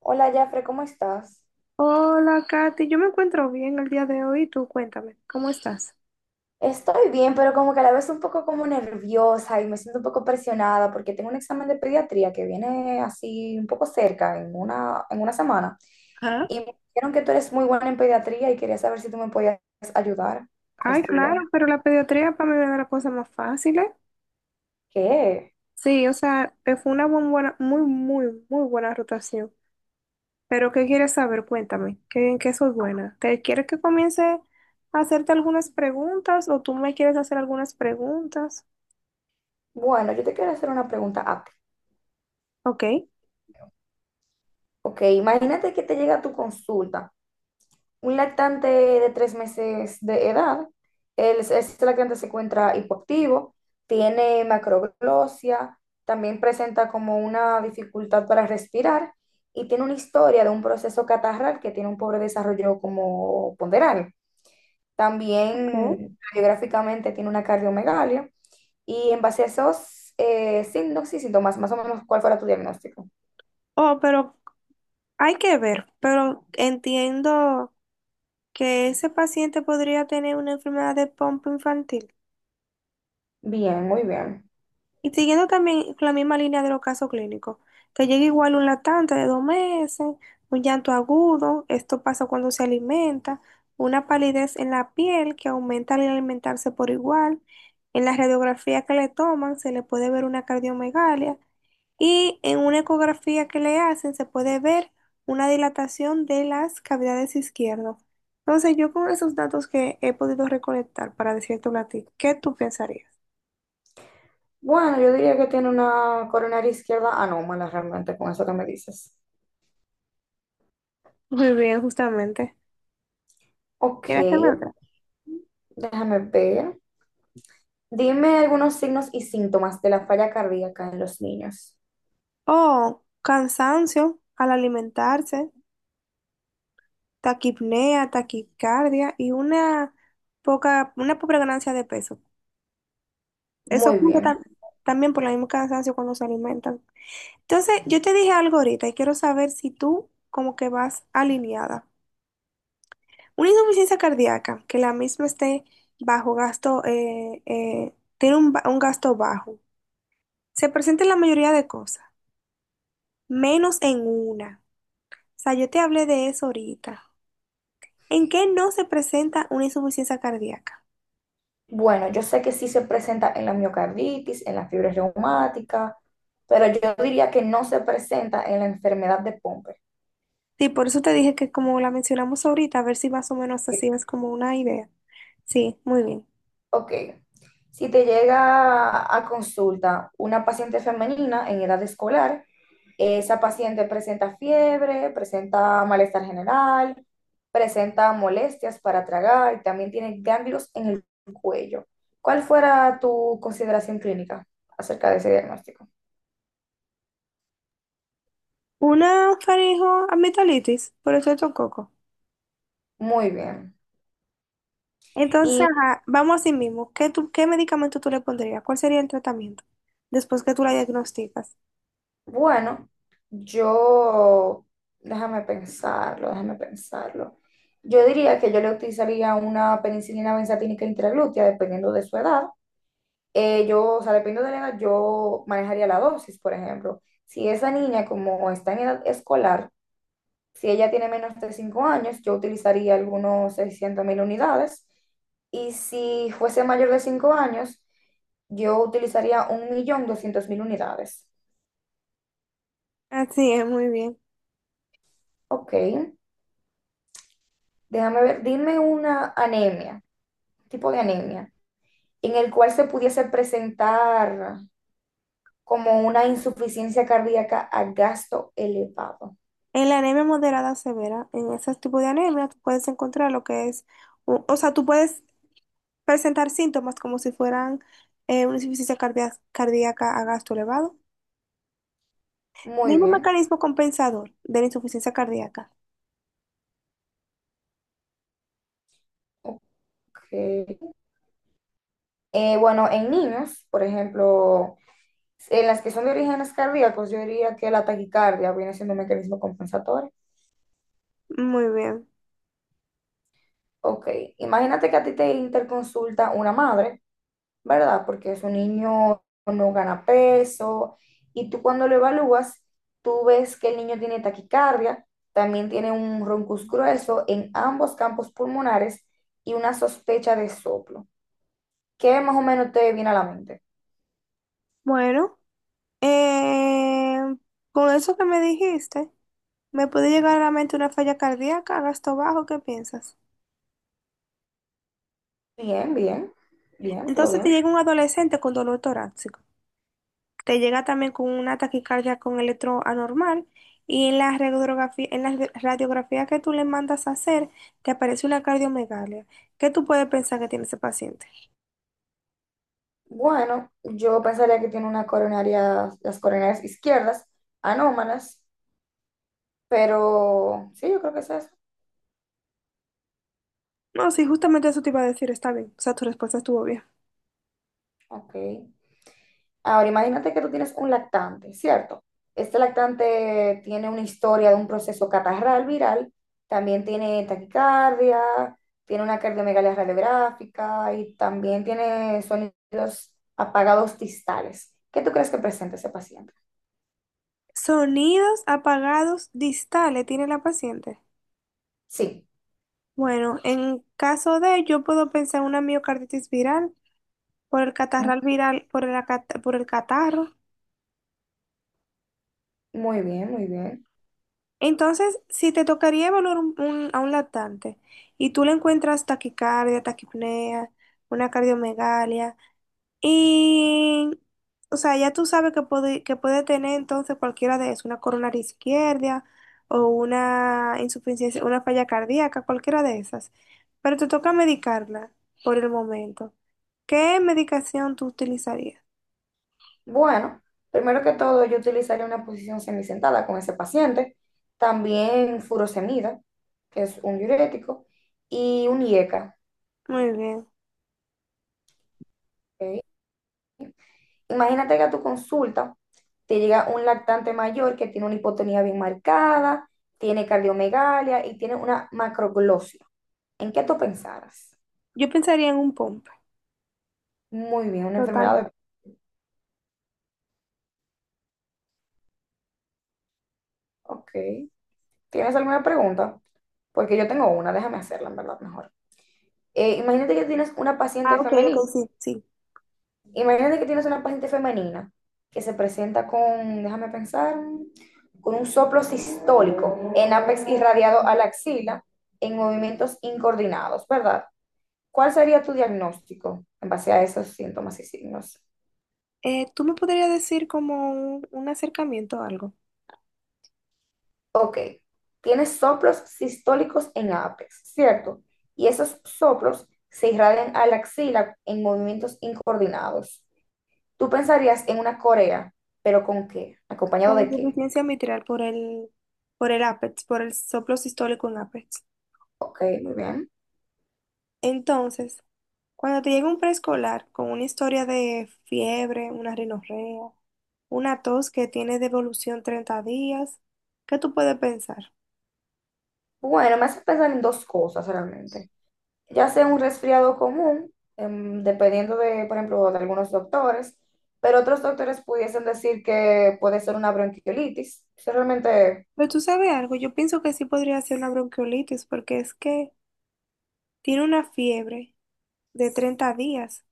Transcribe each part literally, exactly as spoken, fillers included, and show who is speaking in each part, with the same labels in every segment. Speaker 1: Hola, Jafre, ¿cómo estás?
Speaker 2: Hola, Katy. Yo me encuentro bien el día de hoy. Tú cuéntame, ¿cómo estás?
Speaker 1: Estoy bien, pero como que a la vez un poco como nerviosa y me siento un poco presionada porque tengo un examen de pediatría que viene así un poco cerca, en una, en una semana.
Speaker 2: Ajá.
Speaker 1: Y me dijeron que tú eres muy buena en pediatría y quería saber si tú me podías ayudar a
Speaker 2: Ay, claro,
Speaker 1: estudiar.
Speaker 2: pero la pediatría para mí me da la cosa más fácil, ¿eh?
Speaker 1: ¿Qué?
Speaker 2: Sí, o sea, eh, fue una muy buena, muy, muy, muy buena rotación. Pero, ¿qué quieres saber? Cuéntame, ¿qué, ¿en qué soy buena? ¿Te quieres que comience a hacerte algunas preguntas o tú me quieres hacer algunas preguntas?
Speaker 1: Bueno, yo te quiero hacer una pregunta a ti.
Speaker 2: Ok.
Speaker 1: Ok, imagínate que te llega tu consulta. Un lactante de tres meses de edad, el, ese lactante se encuentra hipoactivo, tiene macroglosia, también presenta como una dificultad para respirar y tiene una historia de un proceso catarral que tiene un pobre desarrollo como ponderal.
Speaker 2: Ok.
Speaker 1: También radiográficamente tiene una cardiomegalia y en base a esos eh, signos y síntomas, más o menos, ¿cuál fuera tu diagnóstico?
Speaker 2: Oh, pero hay que ver, pero entiendo que ese paciente podría tener una enfermedad de pompa infantil.
Speaker 1: Bien, muy bien.
Speaker 2: Y siguiendo también con la misma línea de los casos clínicos, que llega igual un latente de dos meses, un llanto agudo, esto pasa cuando se alimenta, una palidez en la piel que aumenta al alimentarse por igual, en la radiografía que le toman se le puede ver una cardiomegalia y en una ecografía que le hacen se puede ver una dilatación de las cavidades izquierdas. Entonces, yo con esos datos que he podido recolectar para decirte a ti, ¿qué tú pensarías?
Speaker 1: Bueno, yo diría que tiene una coronaria izquierda anómala realmente con eso que me dices.
Speaker 2: Muy bien, justamente.
Speaker 1: Ok,
Speaker 2: ¿Quieres hacer otra?
Speaker 1: déjame ver. Dime algunos signos y síntomas de la falla cardíaca en los niños.
Speaker 2: O cansancio al alimentarse, taquipnea, taquicardia y una poca, una pobre ganancia de peso. Eso
Speaker 1: Muy
Speaker 2: ocurre
Speaker 1: bien.
Speaker 2: tam- también por el mismo cansancio cuando se alimentan. Entonces, yo te dije algo ahorita y quiero saber si tú como que vas alineada. Una insuficiencia cardíaca, que la misma esté bajo gasto, eh, eh, tiene un, ba- un gasto bajo. Se presenta en la mayoría de cosas, menos en una. O sea, yo te hablé de eso ahorita. ¿En qué no se presenta una insuficiencia cardíaca?
Speaker 1: Bueno, yo sé que sí se presenta en la miocarditis, en la fiebre reumática, pero yo diría que no se presenta en la enfermedad de Pompe.
Speaker 2: Sí, por eso te dije que como la mencionamos ahorita, a ver si más o menos así es como una idea. Sí, muy bien.
Speaker 1: Ok, si te llega a consulta una paciente femenina en edad escolar, esa paciente presenta fiebre, presenta malestar general, presenta molestias para tragar y también tiene ganglios en el cuello. ¿Cuál fuera tu consideración clínica acerca de ese diagnóstico?
Speaker 2: Una faringo amigdalitis por el coco.
Speaker 1: Muy bien.
Speaker 2: Entonces, ajá, vamos así mismo. ¿Qué, tú- ¿qué medicamento tú le pondrías? ¿Cuál sería el tratamiento después que tú la diagnosticas?
Speaker 1: Bueno, yo, déjame pensarlo, déjame pensarlo. Yo diría que yo le utilizaría una penicilina benzatínica intraglútea, dependiendo de su edad. Eh, yo, o sea, dependiendo de la edad, yo manejaría la dosis, por ejemplo. Si esa niña, como está en edad escolar, si ella tiene menos de cinco años, yo utilizaría algunos seiscientos mil unidades. Y si fuese mayor de cinco años, yo utilizaría un millón doscientos mil unidades.
Speaker 2: Así es, muy bien.
Speaker 1: Ok. Déjame ver, dime una anemia, tipo de anemia, en el cual se pudiese presentar como una insuficiencia cardíaca a gasto elevado.
Speaker 2: En la anemia moderada o severa, en ese tipo de anemia, tú puedes encontrar lo que es, o o sea, tú puedes presentar síntomas como si fueran eh, una insuficiencia cardia- cardíaca a gasto elevado.
Speaker 1: Muy
Speaker 2: Mismo
Speaker 1: bien,
Speaker 2: mecanismo compensador de la insuficiencia cardíaca.
Speaker 1: ok. Eh, bueno, en niños, por ejemplo, en las que son de orígenes cardíacos, yo diría que la taquicardia viene siendo un mecanismo compensatorio.
Speaker 2: Muy bien.
Speaker 1: Ok, imagínate que a ti te interconsulta una madre, ¿verdad? Porque es un niño no gana peso y tú cuando lo evalúas, tú ves que el niño tiene taquicardia, también tiene un roncus grueso en ambos campos pulmonares y una sospecha de soplo. ¿Qué más o menos te viene a la mente?
Speaker 2: Bueno, eh, con eso que me dijiste, me puede llegar a la mente una falla cardíaca a gasto bajo, ¿qué piensas?
Speaker 1: Bien, bien, bien, todo
Speaker 2: Entonces te
Speaker 1: bien.
Speaker 2: llega un adolescente con dolor torácico. Te llega también con una taquicardia con electro anormal y en la radiografía, en la re- radiografía que tú le mandas a hacer te aparece una cardiomegalia. ¿Qué tú puedes pensar que tiene ese paciente?
Speaker 1: Bueno, yo pensaría que tiene una coronaria, las coronarias izquierdas, anómalas, pero sí, yo creo que es eso.
Speaker 2: No, sí, justamente eso te iba a decir, está bien, o sea, tu respuesta estuvo bien.
Speaker 1: Ok. Ahora, imagínate que tú tienes un lactante, ¿cierto? Este lactante tiene una historia de un proceso catarral viral, también tiene taquicardia, tiene una cardiomegalia radiográfica y también tiene sonidos apagados distales. ¿Qué tú crees que presenta ese paciente?
Speaker 2: Sonidos apagados distales tiene la paciente.
Speaker 1: Sí,
Speaker 2: Bueno, en caso de, yo puedo pensar en una miocarditis viral por el
Speaker 1: m-
Speaker 2: catarral viral, por el, acat- por el catarro.
Speaker 1: muy bien, muy bien.
Speaker 2: Entonces, si te tocaría evaluar un- un- a un lactante y tú le encuentras taquicardia, taquipnea, una cardiomegalia, y, o sea, ya tú sabes que puede, que puede tener entonces cualquiera de eso, una coronaria izquierda o una insuficiencia, una falla cardíaca, cualquiera de esas. Pero te toca medicarla por el momento. ¿Qué medicación tú utilizarías?
Speaker 1: Bueno, primero que todo, yo utilizaría una posición semisentada con ese paciente, también furosemida, que es un diurético, y un IECA,
Speaker 2: Muy bien.
Speaker 1: ¿ok? Imagínate que a tu consulta te llega un lactante mayor que tiene una hipotonía bien marcada, tiene cardiomegalia y tiene una macroglosia. ¿En qué tú pensaras?
Speaker 2: Yo pensaría en un POMP.
Speaker 1: Muy bien, una
Speaker 2: Total.
Speaker 1: enfermedad de... Ok. ¿Tienes alguna pregunta? Porque yo tengo una, déjame hacerla, en verdad, mejor. Eh, imagínate que tienes una
Speaker 2: Ah,
Speaker 1: paciente
Speaker 2: ok, ok,
Speaker 1: femenina.
Speaker 2: sí, sí.
Speaker 1: Imagínate que tienes una paciente femenina que se presenta con, déjame pensar, con un soplo sistólico en ápex irradiado a la axila en movimientos incoordinados, ¿verdad? ¿Cuál sería tu diagnóstico en base a esos síntomas y signos?
Speaker 2: Eh, ¿tú me podrías decir como un, un acercamiento o algo?
Speaker 1: Ok, tienes soplos sistólicos en ápex, ¿cierto? Y esos soplos se irradian a la axila en movimientos incoordinados. Tú pensarías en una corea, pero ¿con qué? ¿Acompañado
Speaker 2: Con
Speaker 1: de qué?
Speaker 2: insuficiencia mitral por el, por el ápex, por el soplo sistólico en ápex.
Speaker 1: Ok, muy bien.
Speaker 2: Entonces, cuando te llega un preescolar con una historia de fiebre, una rinorrea, una tos que tiene devolución treinta días, ¿qué tú puedes pensar?
Speaker 1: Bueno, me hace pensar en dos cosas realmente. Ya sea un resfriado común, em, dependiendo de, por ejemplo, de algunos doctores, pero otros doctores pudiesen decir que puede ser una bronquiolitis. Eso realmente,
Speaker 2: Pero tú sabes algo, yo pienso que sí podría ser una bronquiolitis porque es que tiene una fiebre de treinta días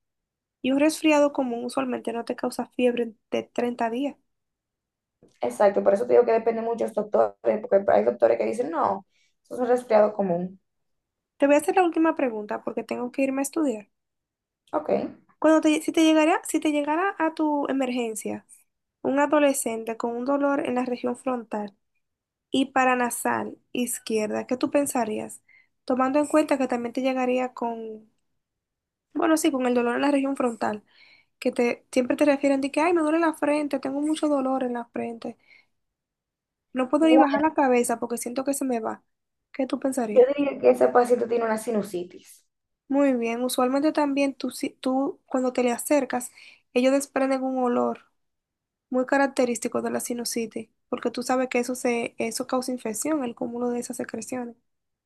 Speaker 2: y un resfriado común usualmente no te causa fiebre de treinta días.
Speaker 1: exacto, por eso te digo que depende de muchos doctores, porque hay doctores que dicen, no, eso es un resfriado común.
Speaker 2: Te voy a hacer la última pregunta porque tengo que irme a estudiar.
Speaker 1: Ok.
Speaker 2: Cuando te, si te llegara, si te llegara a tu emergencia un adolescente con un dolor en la región frontal y paranasal izquierda, ¿qué tú pensarías? Tomando en cuenta que también te llegaría con, bueno, sí, con el dolor en la región frontal, que te siempre te refieren de que, ay, me duele la frente, tengo mucho dolor en la frente, no puedo ni
Speaker 1: Bueno,
Speaker 2: bajar la cabeza porque siento que se me va. ¿Qué tú
Speaker 1: yo
Speaker 2: pensarías?
Speaker 1: diría que ese paciente tiene una sinusitis.
Speaker 2: Muy bien, usualmente también tú, si- tú cuando te le acercas, ellos desprenden un olor muy característico de la sinusitis, porque tú sabes que eso, se, eso causa infección, el cúmulo de esas secreciones.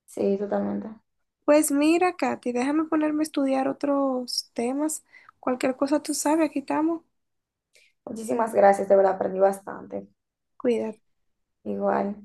Speaker 1: Sí, totalmente.
Speaker 2: Pues mira, Katy, déjame ponerme a estudiar otros temas. Cualquier cosa tú sabes, aquí estamos.
Speaker 1: Muchísimas gracias, de verdad, aprendí bastante.
Speaker 2: Cuídate.
Speaker 1: Igual.